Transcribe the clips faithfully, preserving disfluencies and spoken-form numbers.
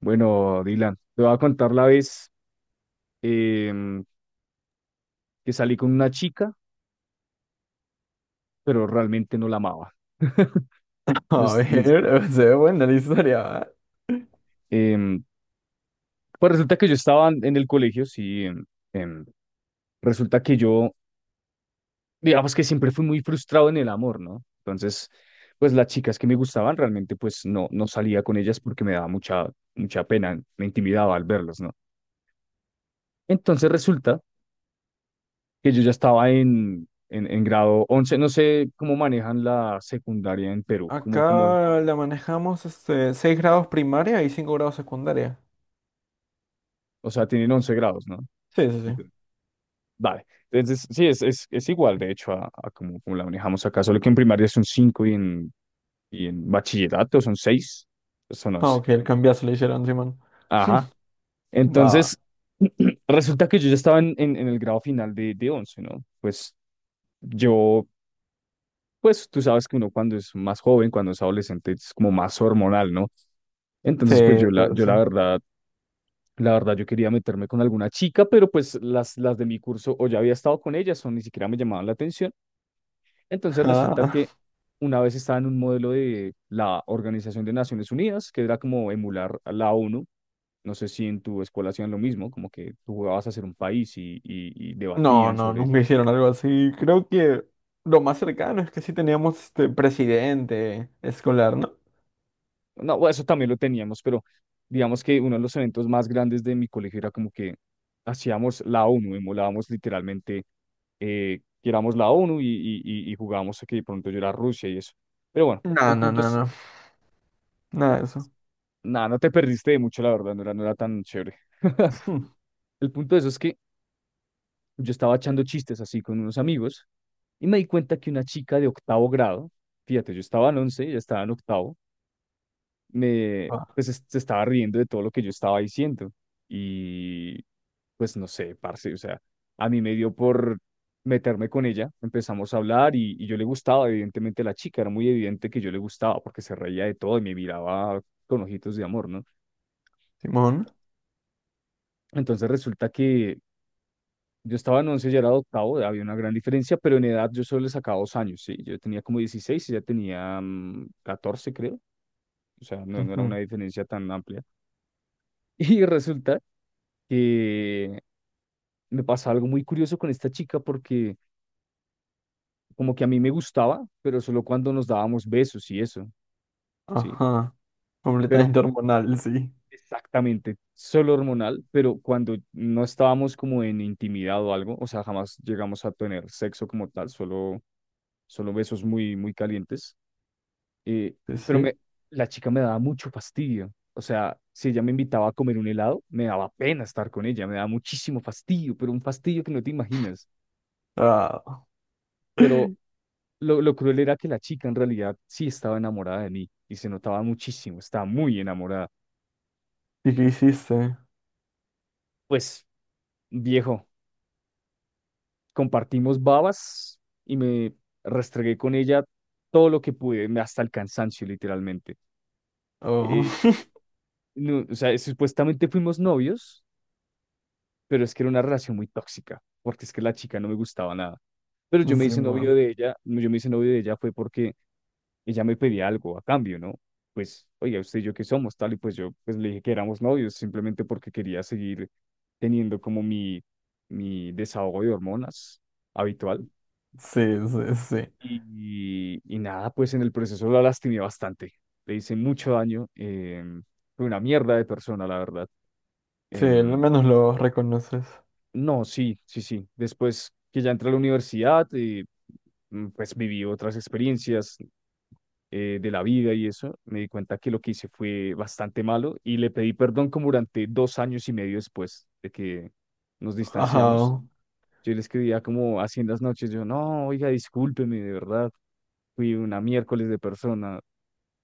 Bueno, Dylan, te voy a contar la vez em, que salí con una chica, pero realmente no la amaba. A Pues, pues, ver, se ve buena la historia. ¿Va? em, pues resulta que yo estaba en en el colegio, sí. em, em, resulta que yo, digamos que siempre fui muy frustrado en el amor, ¿no? Entonces, pues las chicas que me gustaban realmente, pues no, no salía con ellas porque me daba mucha, mucha pena, me intimidaba al verlas, ¿no? Entonces resulta que yo ya estaba en, en, en grado once. No sé cómo manejan la secundaria en Perú, como, como, Acá la manejamos este, seis grados primaria y cinco grados secundaria. o sea, tienen once grados, ¿no? Sí, sí, sí. Entiendo. Vale. Entonces, sí, es, es, es igual, de hecho, a, a como, como la manejamos acá, solo que en primaria son cinco y en, y en bachillerato son seis, son Ah, once. ok, el cambiazo le hicieron, Simón. Ajá. Va, Entonces, va. resulta que yo ya estaba en, en, en el grado final de, de once, ¿no? Pues yo pues tú sabes que uno cuando es más joven, cuando es adolescente, es como más hormonal, ¿no? Sí, Entonces, pues yo sí, la, yo sí. la verdad, la verdad, yo quería meterme con alguna chica, pero pues las, las de mi curso o ya había estado con ellas o ni siquiera me llamaban la atención. Entonces resulta Ah. que una vez estaba en un modelo de la Organización de Naciones Unidas, que era como emular a la O N U. No sé si en tu escuela hacían lo mismo, como que tú jugabas a ser un país y, y, y No, debatían no, sobre... nunca hicieron algo así. Creo que lo más cercano es que sí teníamos este presidente escolar, ¿no? No, bueno, eso también lo teníamos, pero digamos que uno de los eventos más grandes de mi colegio era como que hacíamos la O N U, emulábamos literalmente, eh, que éramos la O N U y, y, y y jugábamos a que de pronto yo era Rusia y eso. Pero bueno, No, el no, punto no, es, no. Nada de eso. nada, no te perdiste de mucho, la verdad, no era, no era tan chévere. Hmm. El punto de eso es que yo estaba echando chistes así con unos amigos y me di cuenta que una chica de octavo grado, fíjate, yo estaba en once, ella estaba en octavo, me, Ah, pues es- se estaba riendo de todo lo que yo estaba diciendo. Y pues no sé, parce, o sea, a mí me dio por meterme con ella, empezamos a hablar y, y yo le gustaba, evidentemente la chica, era muy evidente que yo le gustaba porque se reía de todo y me miraba con ojitos de amor, ¿no? Simón. Entonces resulta que yo estaba en once, ya era de octavo, había una gran diferencia, pero en edad yo solo le sacaba dos años, ¿sí? Yo tenía como dieciséis y ella tenía mm, catorce, creo, o sea, no, no era Ujú. una diferencia tan amplia. Y resulta que me pasaba algo muy curioso con esta chica porque como que a mí me gustaba, pero solo cuando nos dábamos besos y eso, ¿sí? Ajá. Pero Completamente hormonal, sí. exactamente, solo hormonal, pero cuando no estábamos como en intimidad o algo, o sea, jamás llegamos a tener sexo como tal, solo, solo besos muy, muy calientes. eh, Sí, pero me, sí. la chica me daba mucho fastidio. O sea, si ella me invitaba a comer un helado, me daba pena estar con ella, me daba muchísimo fastidio, pero un fastidio que no te imaginas. Ah. Pero lo, lo cruel era que la chica en realidad sí estaba enamorada de mí y se notaba muchísimo, estaba muy enamorada. ¿Y qué hiciste? Pues, viejo, compartimos babas y me restregué con ella todo lo que pude, me- hasta el cansancio, literalmente. Oh, Eh, no, o sea, supuestamente fuimos novios, pero es que era una relación muy tóxica, porque es que la chica no me gustaba nada. Pero yo me hice Simón. novio de ella, yo me hice novio de ella fue porque ella me pedía algo a cambio, ¿no? Pues, oiga, usted y yo qué somos, tal, y pues yo pues le dije que éramos novios, simplemente porque quería seguir teniendo como mi, mi desahogo de hormonas habitual. Sí, sí, sí. Y, y nada, pues en el proceso la lastimé bastante, le hice mucho daño, em, fue una mierda de persona, la verdad. Sí, al Em, menos lo reconoces. No, sí, sí, sí. Después que ya entré a la universidad, eh, mm, pues viví otras experiencias eh, de la vida y eso. Me di cuenta que lo que hice fue bastante malo y le pedí perdón como durante dos años y medio después de que nos distanciamos. Ajá. Yo le escribía como así en las noches, yo, no, oiga, discúlpeme, de verdad, fui una miércoles de persona,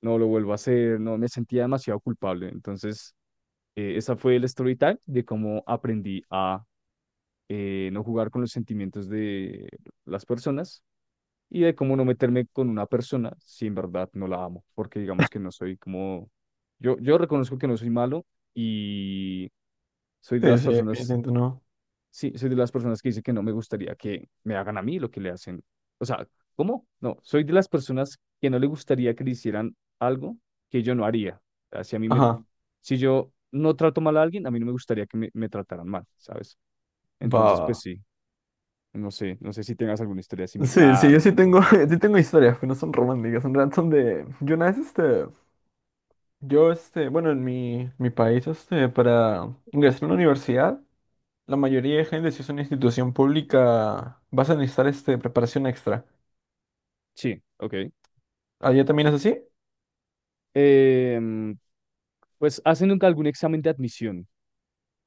no lo vuelvo a hacer, no, me sentía demasiado culpable. Entonces, eh, esa fue el story time de cómo aprendí a, eh, no jugar con los sentimientos de las personas y de cómo no meterme con una persona si en verdad no la amo, porque digamos que no soy como, yo, yo reconozco que no soy malo y soy de Sí, las sí, personas, definitivamente no. sí, soy de las personas que dice que no me gustaría que me hagan a mí lo que le hacen. O sea, ¿cómo? No, soy de las personas que no le gustaría que le hicieran algo que yo no haría. O sea, si a mí me, Ajá. si yo no trato mal a alguien, a mí no me gustaría que me, me trataran mal, ¿sabes? Va, Entonces, va. pues sí. No sé, no sé si tengas alguna historia Sí, sí, similar yo o sí algo. tengo, sí tengo historias que no son románticas, en realidad son de. Yo una vez este. Yo este, bueno, en mi, mi país, este, para ingresar a una universidad, la mayoría de gente, si es una institución pública, vas a necesitar este preparación extra. Sí, ok. ¿Allá también es así? Em, pues hacen nunca algún examen de admisión.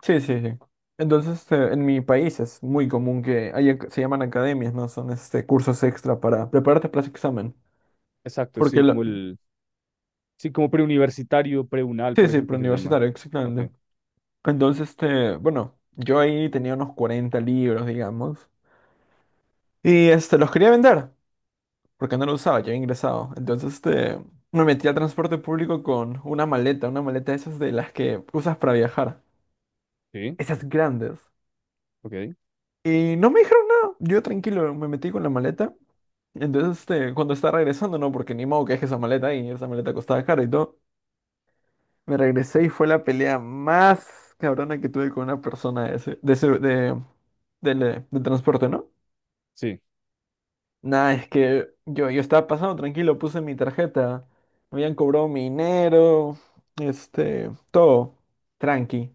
Sí, sí, sí. Entonces, este, en mi país es muy común que haya, se llaman academias, ¿no? Son este, cursos extra para prepararte para ese examen. Exacto, Porque, sí, la- como el, sí, como preuniversitario, preunal, sí, por sí, ejemplo, se llama. preuniversitario, Ok, exactamente. Entonces, este, bueno, yo ahí tenía unos cuarenta libros, digamos. Y este, los quería vender, porque no los usaba, ya había ingresado. Entonces, este, me metí al transporte público con una maleta, una maleta de esas de las que usas para viajar. sí, Esas grandes. ok, Y no me dijeron nada. Yo tranquilo me metí con la maleta. Entonces, este, cuando estaba regresando, no, porque ni modo que deje esa maleta ahí, esa maleta costaba caro y todo. Me regresé y fue la pelea más cabrona que tuve con una persona de ese, de ese, de, del, eh, del transporte, ¿no? sí, Nada, es que yo, yo estaba pasando tranquilo, puse mi tarjeta, me habían cobrado mi dinero, este, todo, tranqui.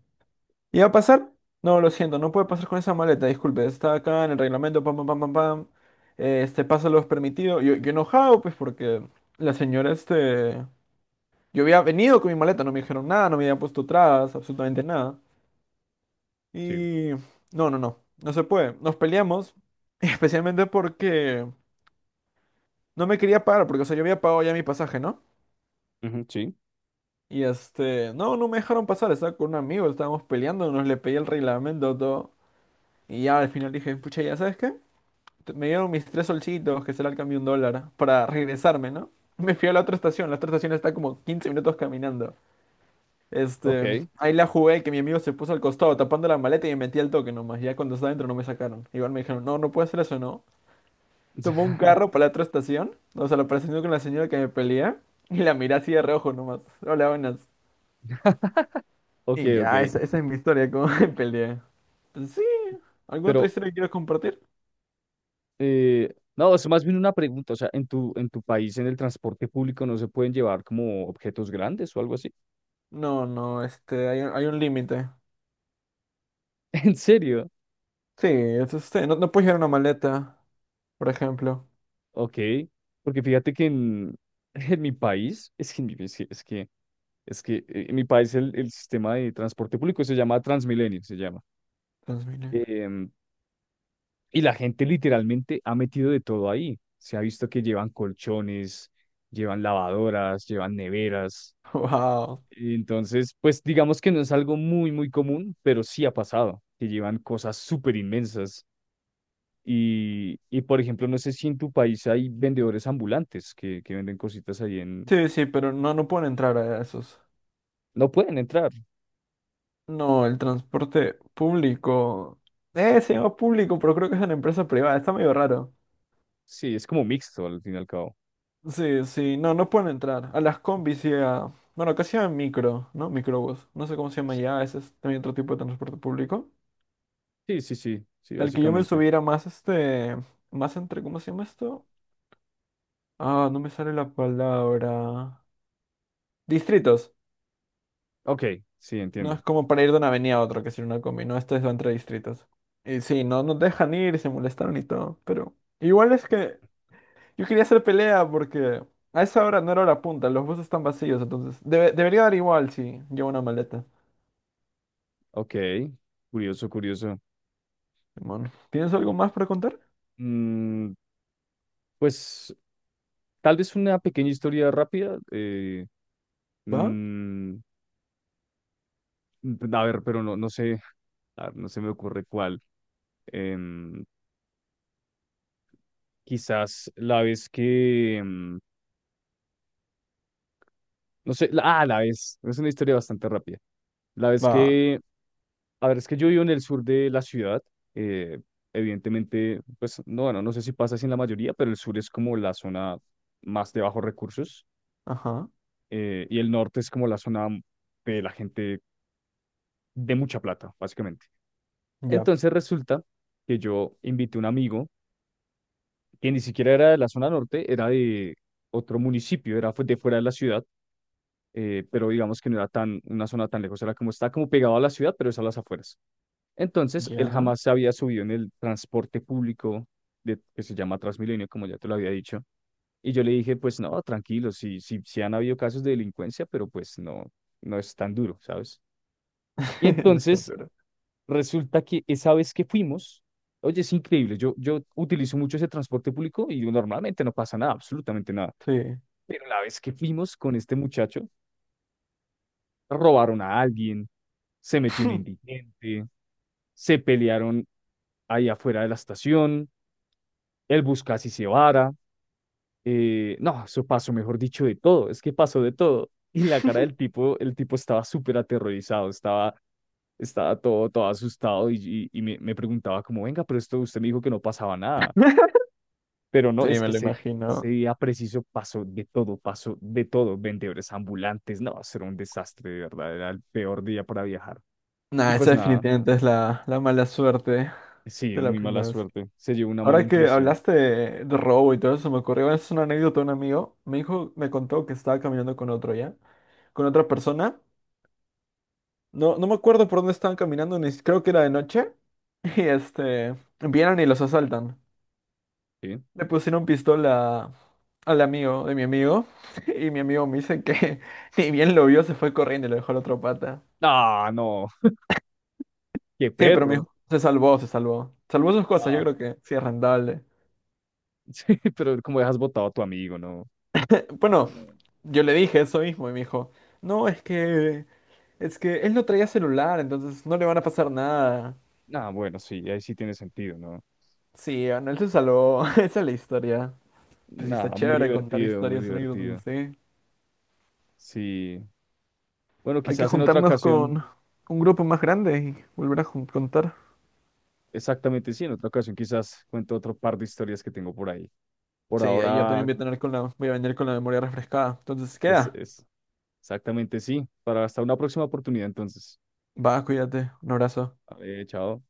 ¿Iba a pasar? No, lo siento, no puede pasar con esa maleta, disculpe, está acá en el reglamento, pam, pam, pam, pam, pam. Eh, Este paso lo es permitido. Yo, yo enojado, pues, porque la señora, este... Yo había venido con mi maleta, no me dijeron nada, no me habían puesto trabas, absolutamente nada. sí, Y... No, no, no, no se puede. Nos peleamos, especialmente porque no me quería pagar, porque, o sea, yo había pagado ya mi pasaje, ¿no? ujú, sí, Y este... No, no me dejaron pasar, estaba con un amigo, estábamos peleando, nos le pedí el reglamento, todo. Y ya al final dije, pucha, ¿ya sabes qué? Me dieron mis tres solcitos, que será el cambio de un dólar, para regresarme, ¿no? Me fui a la otra estación, la otra estación está como quince minutos caminando. Este, ok, ahí la jugué, que mi amigo se puso al costado tapando la maleta y me metí al toque nomás. Ya cuando estaba dentro no me sacaron. Igual me dijeron, no, no puede hacer eso, ¿no? Tomó un carro para la otra estación, o sea, lo presionó con la señora que me pelea y la miré así de reojo nomás. Hola, buenas. ok, Y ya, ok. esa, esa es mi historia, cómo me peleé. Pues sí, ¿alguna otra Pero, historia que quieras compartir? eh, no, es más bien una pregunta, o sea, ¿en tu, en tu país, en el transporte público, no se pueden llevar como objetos grandes o algo así? No, no, este, hay, un- hay un límite. ¿En serio? Sí, es este, no, no puedes llevar una maleta, por ejemplo. Ok, porque fíjate que en, en mi país, es que, en mi- es que, es que, es que, eh, en mi país el, el sistema de transporte público se llama Transmilenio, se llama. Transmilenio. Em, y la gente literalmente ha metido de todo ahí. Se ha visto que llevan colchones, llevan lavadoras, llevan neveras. Wow. Entonces, pues digamos que no es algo muy, muy común, pero sí ha pasado, que llevan cosas súper inmensas. Y, y, por ejemplo, no sé si en tu país hay vendedores ambulantes que, que venden cositas ahí. Sí, sí, pero no, no pueden entrar a esos. No pueden entrar. No, el transporte público. Eh, se llama público, pero creo que es una empresa privada. Está medio raro. Sí, es como mixto al fin y al cabo. Sí, sí, no, no pueden entrar. A las combis y a... Bueno, casi a micro, ¿no? Microbús. No sé cómo se llama Sí, ya, ese es también otro tipo de transporte público. sí, sí, sí, sí, El que yo me básicamente. subiera más este... Más entre... ¿Cómo se llama esto? Ah, no me sale la palabra. Distritos. Ok, sí, No entiendo. es como para ir de una avenida a otra, que es ir una combi, no, este es entre distritos. Y sí, no nos dejan ir, se molestaron y todo, pero igual es que yo quería hacer pelea porque a esa hora no era hora punta, los buses están vacíos, entonces debe- debería dar igual si llevo una maleta. Ok, curioso, curioso. Simón, ¿tienes algo más para contar? Mm, pues tal vez una pequeña historia rápida. eh, ¿Va? mm, a ver, pero no, no sé, a ver, no se me ocurre cuál. em, Quizás la vez que, em, no sé, la- ah, la vez, es una historia bastante rápida. La vez Va. que... A ver, es que yo vivo en el sur de la ciudad. eh, Evidentemente, pues no, bueno, no sé si pasa así en la mayoría, pero el sur es como la zona más de bajos recursos, Ajá. eh, y el norte es como la zona de la gente de mucha plata, básicamente. Ya. Entonces resulta que yo invité a un amigo que ni siquiera era de la zona norte, era de otro municipio, era fu- de fuera de la ciudad, eh, pero digamos que no era tan una zona tan lejos, era como está como pegado a la ciudad, pero es a las afueras. Entonces, él Ya. jamás se había subido en el transporte público de, que se llama Transmilenio, como ya te lo había dicho. Y yo le dije, pues no, tranquilo, sí, sí, sí han habido casos de delincuencia, pero pues no, no es tan duro, ¿sabes? Y No es entonces tanto. resulta que esa vez que fuimos, oye, es increíble, yo, yo utilizo mucho ese transporte público y normalmente no pasa nada, absolutamente nada. Sí. Pero la vez que fuimos con este muchacho, robaron a alguien, se metió un indigente, se pelearon ahí afuera de la estación, el Buscasi se vara, eh, no, eso pasó, mejor dicho, de todo, es que pasó de todo. Y la cara del tipo, el tipo estaba súper aterrorizado, estaba, estaba todo, todo asustado y, y, y me, me preguntaba como, venga, pero esto usted me dijo que no pasaba nada. Pero no, Sí, es me que lo ese, ese imagino. día preciso pasó de todo, pasó de todo, vendedores ambulantes, no, eso era un desastre, de verdad, era el peor día para viajar. Y Nah, esa pues nada, definitivamente es la, la mala suerte sí, de la muy mala primavera. suerte. Se llevó una mala Ahora que impresión. hablaste de, de robo y todo eso, me ocurrió, es una anécdota de un amigo. Me dijo, me contó que estaba caminando con otro ya, con otra persona. No, no me acuerdo por dónde estaban caminando, ni si- creo que era de noche. Y este, vienen y los asaltan. ¿Sí? Le pusieron pistola al amigo de mi amigo. Y mi amigo me dice que ni bien lo vio, se fue corriendo y lo dejó a la otra pata. Ah, no, qué Sí, pero mi perro. hijo se salvó, se salvó. Salvó sus cosas, yo Ah. creo que sí es rentable. Sí, pero como dejas botado a tu amigo, ¿no? Bueno, No. yo le dije eso mismo y me dijo, no, es que es que él no traía celular, entonces no le van a pasar nada. Nah, bueno, sí, ahí sí tiene sentido, ¿no? Sí, bueno, él se salvó. Esa es la historia. Pues sí, está Nada, muy chévere contar divertido, muy historias, anécdotas, divertido. sí. Sí. Bueno, Hay que quizás en otra juntarnos ocasión, con un grupo más grande y volver a jun- contar. exactamente sí, en otra ocasión quizás cuento otro par de historias que tengo por ahí. Por Sí, ahí ya también ahora voy a tener con la, voy a venir con la memoria refrescada. Entonces, es, queda. es exactamente sí. Para hasta una próxima oportunidad, entonces. Va, cuídate. Un abrazo. Vale, chao.